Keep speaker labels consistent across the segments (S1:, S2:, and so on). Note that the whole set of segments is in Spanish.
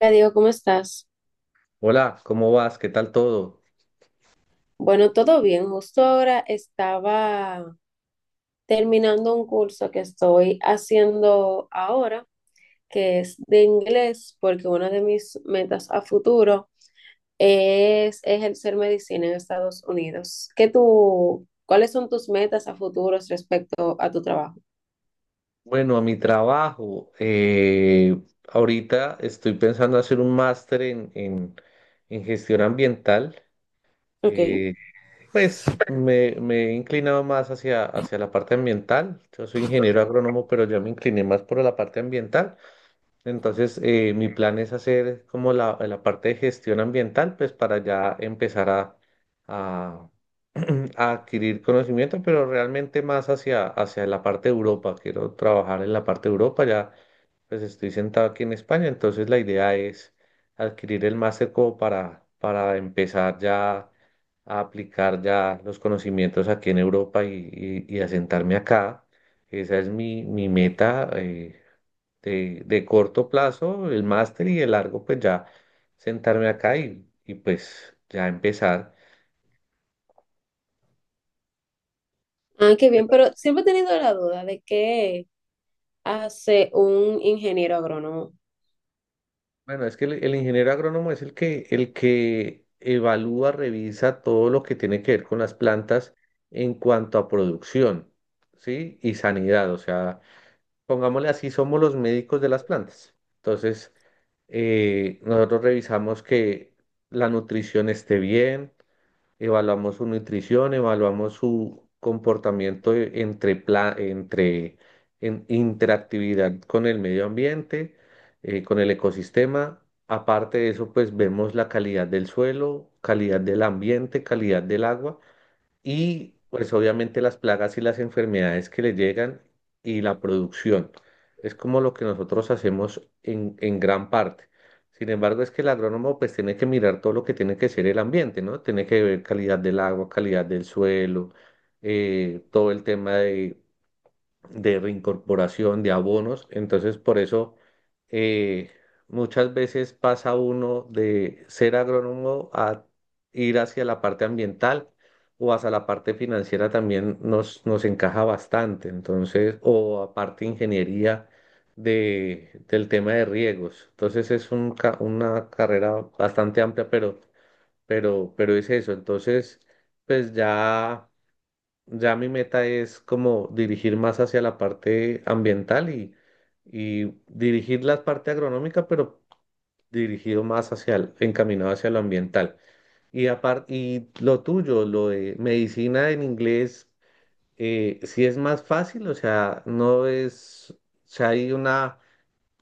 S1: Hola Diego, ¿cómo estás?
S2: Hola, ¿cómo vas? ¿Qué tal todo?
S1: Bueno, todo bien. Justo ahora estaba terminando un curso que estoy haciendo ahora, que es de inglés, porque una de mis metas a futuro es ejercer medicina en Estados Unidos. ¿Qué tú, cuáles son tus metas a futuros respecto a tu trabajo?
S2: Bueno, a mi trabajo. Ahorita estoy pensando hacer un máster en gestión ambiental.
S1: Ok.
S2: eh, pues me he inclinado más hacia la parte ambiental. Yo soy ingeniero agrónomo, pero ya me incliné más por la parte ambiental. Entonces, mi plan es hacer como la parte de gestión ambiental, pues para ya empezar a a adquirir conocimiento, pero realmente más hacia la parte de Europa. Quiero trabajar en la parte de Europa, ya pues estoy sentado aquí en España, entonces la idea es adquirir el máster como para empezar ya a aplicar ya los conocimientos aquí en Europa y asentarme acá. Esa es mi meta de corto plazo, el máster y de largo, pues ya sentarme acá y pues ya empezar.
S1: Ah, qué bien, pero siempre he tenido la duda de qué hace un ingeniero agrónomo.
S2: Bueno, es que el ingeniero agrónomo es el que evalúa, revisa todo lo que tiene que ver con las plantas en cuanto a producción, ¿sí? Y sanidad, o sea, pongámosle así, somos los médicos de las plantas. Entonces, nosotros revisamos que la nutrición esté bien, evaluamos su nutrición, evaluamos su comportamiento entre en interactividad con el medio ambiente, con el ecosistema. Aparte de eso, pues vemos la calidad del suelo, calidad del ambiente, calidad del agua y pues obviamente las plagas y las enfermedades que le llegan y la producción. Es como lo que nosotros hacemos en gran parte. Sin embargo, es que el agrónomo pues tiene que mirar todo lo que tiene que ser el ambiente, ¿no? Tiene que ver calidad del agua, calidad del suelo, todo el tema de reincorporación, de abonos. Entonces, por eso, eh, muchas veces pasa uno de ser agrónomo a ir hacia la parte ambiental o hacia la parte financiera también nos encaja bastante. Entonces, o aparte ingeniería del tema de riegos. Entonces, es una carrera bastante amplia, pero es eso. Entonces, pues ya. Ya mi meta es como dirigir más hacia la parte ambiental y dirigir la parte agronómica, pero dirigido más hacia encaminado hacia lo ambiental. Y aparte, y lo tuyo, lo de medicina en inglés, sí es más fácil, o sea, no es, o sea, hay una,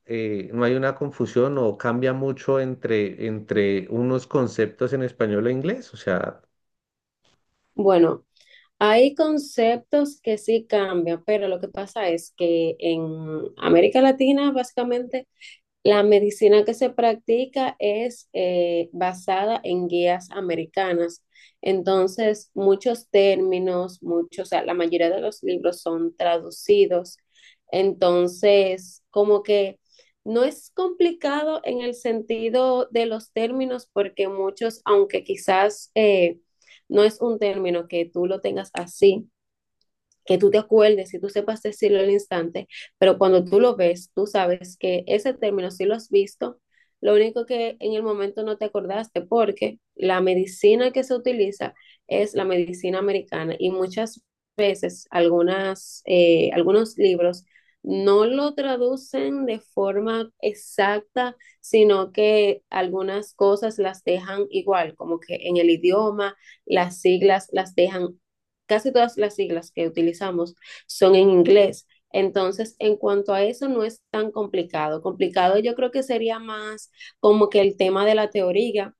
S2: eh, no hay una confusión o cambia mucho entre unos conceptos en español e inglés, o sea.
S1: Bueno, hay conceptos que sí cambian, pero lo que pasa es que en América Latina básicamente la medicina que se practica es basada en guías americanas. Entonces, muchos términos, muchos, o sea, la mayoría de los libros son traducidos. Entonces, como que no es complicado en el sentido de los términos, porque muchos, aunque quizás no es un término que tú lo tengas así, que tú te acuerdes, y tú sepas decirlo al instante, pero cuando tú lo ves, tú sabes que ese término sí lo has visto, lo único que en el momento no te acordaste porque la medicina que se utiliza es la medicina americana y muchas veces algunas, algunos libros no lo traducen de forma exacta, sino que algunas cosas las dejan igual, como que en el idioma las siglas las dejan, casi todas las siglas que utilizamos son en inglés. Entonces, en cuanto a eso, no es tan complicado. Complicado yo creo que sería más como que el tema de la teoría,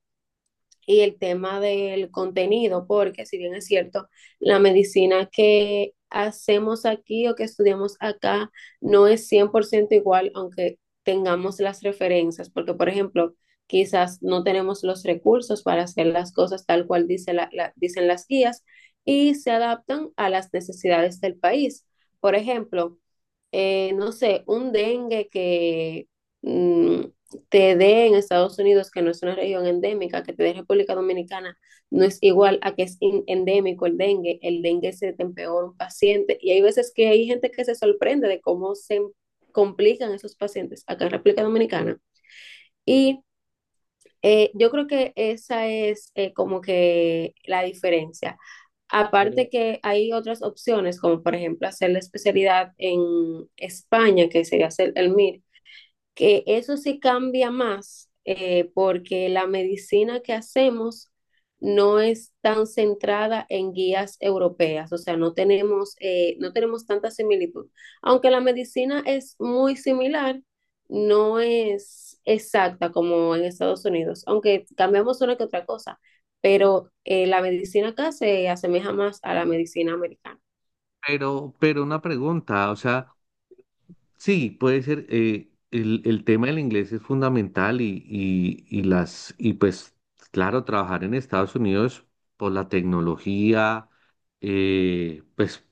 S1: y el tema del contenido, porque si bien es cierto, la medicina que hacemos aquí o que estudiamos acá no es 100% igual, aunque tengamos las referencias, porque por ejemplo, quizás no tenemos los recursos para hacer las cosas tal cual dice dicen las guías y se adaptan a las necesidades del país. Por ejemplo, no sé, un dengue que mm, te dé en Estados Unidos, que no es una región endémica, que te dé República Dominicana, no es igual a que es endémico el dengue. El dengue se te empeora un paciente y hay veces que hay gente que se sorprende de cómo se complican esos pacientes acá en República Dominicana. Y yo creo que esa es, como que la diferencia. Aparte
S2: Pero,
S1: que hay otras opciones, como por ejemplo hacer la especialidad en España, que sería hacer el MIR, que eso sí cambia más, porque la medicina que hacemos no es tan centrada en guías europeas, o sea, no tenemos, no tenemos tanta similitud. Aunque la medicina es muy similar, no es exacta como en Estados Unidos, aunque cambiamos una que otra cosa, pero la medicina acá se asemeja más a la medicina americana.
S2: pero una pregunta, o sea. Sí, puede ser. El tema del inglés es fundamental y pues, claro, trabajar en Estados Unidos por la tecnología, pues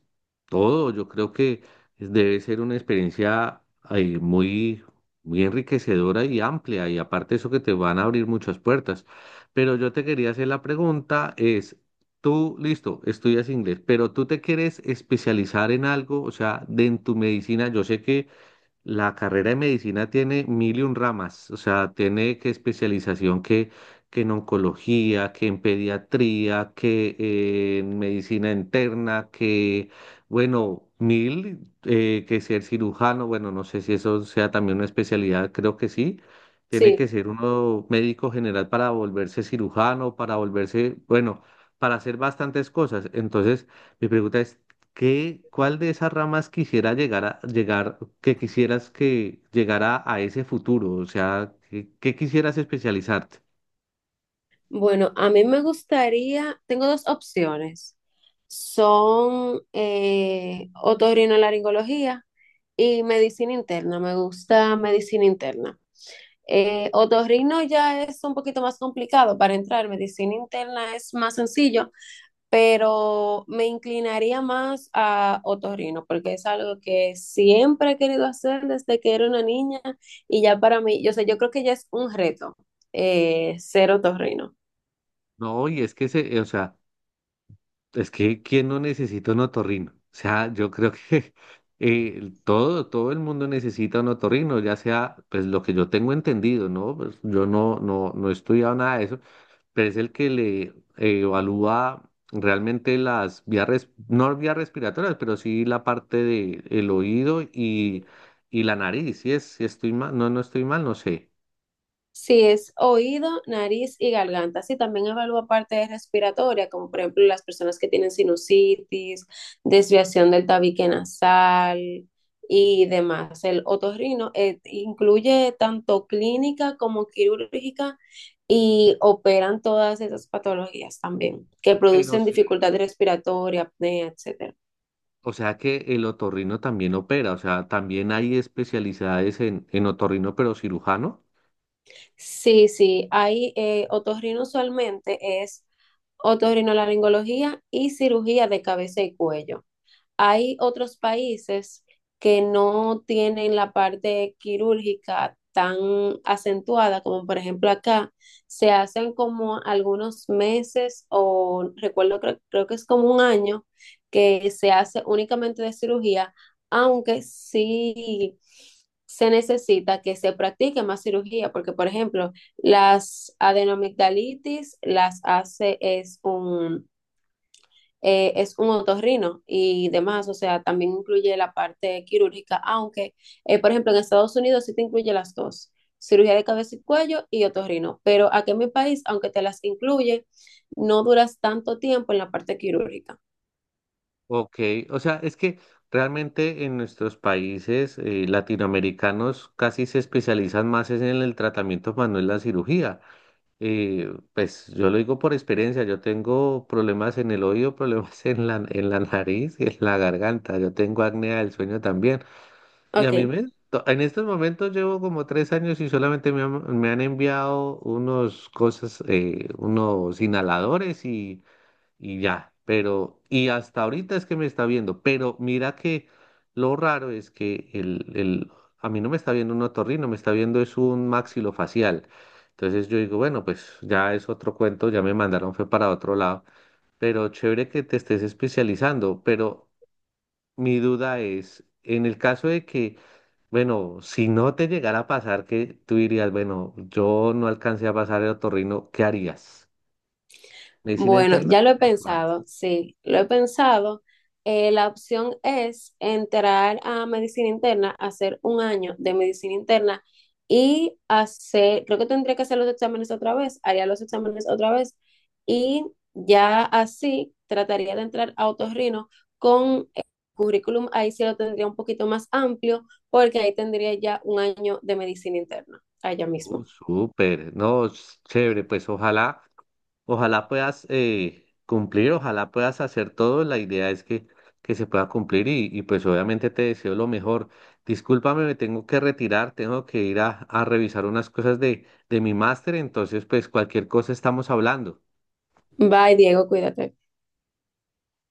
S2: todo, yo creo que debe ser una experiencia eh, muy, muy enriquecedora y amplia. Y aparte eso que te van a abrir muchas puertas. Pero yo te quería hacer la pregunta, es, tú, listo, estudias inglés, pero tú te quieres especializar en algo, o sea, de en tu medicina, yo sé que la carrera de medicina tiene mil y un ramas, o sea, tiene que especialización que en oncología, que en pediatría, que en medicina interna, que, bueno, mil, que ser cirujano, bueno, no sé si eso sea también una especialidad, creo que sí. Tiene que
S1: Sí.
S2: ser uno médico general para volverse cirujano, para volverse, bueno, para hacer bastantes cosas. Entonces, mi pregunta es, ¿qué, cuál de esas ramas quisiera llegar a llegar, que quisieras que llegara a ese futuro? O sea, ¿qué, qué quisieras especializarte?
S1: Bueno, a mí me gustaría, tengo dos opciones. Son otorrinolaringología y medicina interna. Me gusta medicina interna. Otorrino ya es un poquito más complicado para entrar, medicina interna es más sencillo, pero me inclinaría más a otorrino porque es algo que siempre he querido hacer desde que era una niña y ya para mí, yo sé, yo creo que ya es un reto, ser otorrino.
S2: No, y es que se, o sea, es que ¿quién no necesita un otorrino? O sea, yo creo que todo el mundo necesita un otorrino, ya sea, pues lo que yo tengo entendido, ¿no? Pues yo no he estudiado nada de eso, pero es el que le evalúa realmente no vías respiratorias, pero sí la parte de el oído y la nariz. Si es, si estoy mal, no, no estoy mal, no sé.
S1: Si es oído, nariz y garganta. Sí, también evalúa parte respiratoria, como por ejemplo las personas que tienen sinusitis, desviación del tabique nasal y demás. El otorrino incluye tanto clínica como quirúrgica y operan todas esas patologías también, que
S2: Pero
S1: producen
S2: sí-
S1: dificultad respiratoria, apnea, etcétera.
S2: o sea que el otorrino también opera, o sea, también hay especialidades en otorrino, pero cirujano.
S1: Sí, sí, hay otorrino usualmente es otorrinolaringología y cirugía de cabeza y cuello. Hay otros países que no tienen la parte quirúrgica tan acentuada como por ejemplo acá, se hacen como algunos meses o recuerdo, creo que es como un año que se hace únicamente de cirugía, aunque sí se necesita que se practique más cirugía, porque por ejemplo, las adenomigdalitis las hace es un otorrino y demás, o sea, también incluye la parte quirúrgica, aunque, por ejemplo, en Estados Unidos sí te incluye las dos, cirugía de cabeza y cuello y otorrino, pero aquí en mi país, aunque te las incluye, no duras tanto tiempo en la parte quirúrgica.
S2: Ok, o sea, es que realmente en nuestros países latinoamericanos casi se especializan más es en el tratamiento, más no en la cirugía. Y pues yo lo digo por experiencia, yo tengo problemas en el oído, problemas en en la nariz y en la garganta, yo tengo apnea del sueño también. Y a mí
S1: Ok.
S2: en estos momentos llevo como 3 años y solamente me han enviado unos cosas, unos inhaladores y ya, pero, y hasta ahorita es que me está viendo, pero mira que lo raro es que a mí no me está viendo un otorrino, me está viendo es un maxilofacial. Entonces yo digo, bueno, pues ya es otro cuento, ya me mandaron fue para otro lado, pero chévere que te estés especializando, pero mi duda es, en el caso de que, bueno, si no te llegara a pasar que tú dirías, bueno, yo no alcancé a pasar el otorrino, ¿qué harías? ¿Medicina
S1: Bueno,
S2: interna?
S1: ya lo he pensado, sí, lo he pensado. La opción es entrar a medicina interna, hacer un año de medicina interna y hacer, creo que tendría que hacer los exámenes otra vez, haría los exámenes otra vez y ya así trataría de entrar a otorrino con el currículum, ahí sí lo tendría un poquito más amplio porque ahí tendría ya un año de medicina interna, allá
S2: Oh,
S1: mismo.
S2: súper, no, es chévere, pues ojalá, ojalá puedas cumplir, ojalá puedas hacer todo, la idea es que se pueda cumplir y pues obviamente te deseo lo mejor. Discúlpame, me tengo que retirar, tengo que ir a revisar unas cosas de mi máster, entonces pues cualquier cosa estamos hablando.
S1: Bye, Diego, cuídate.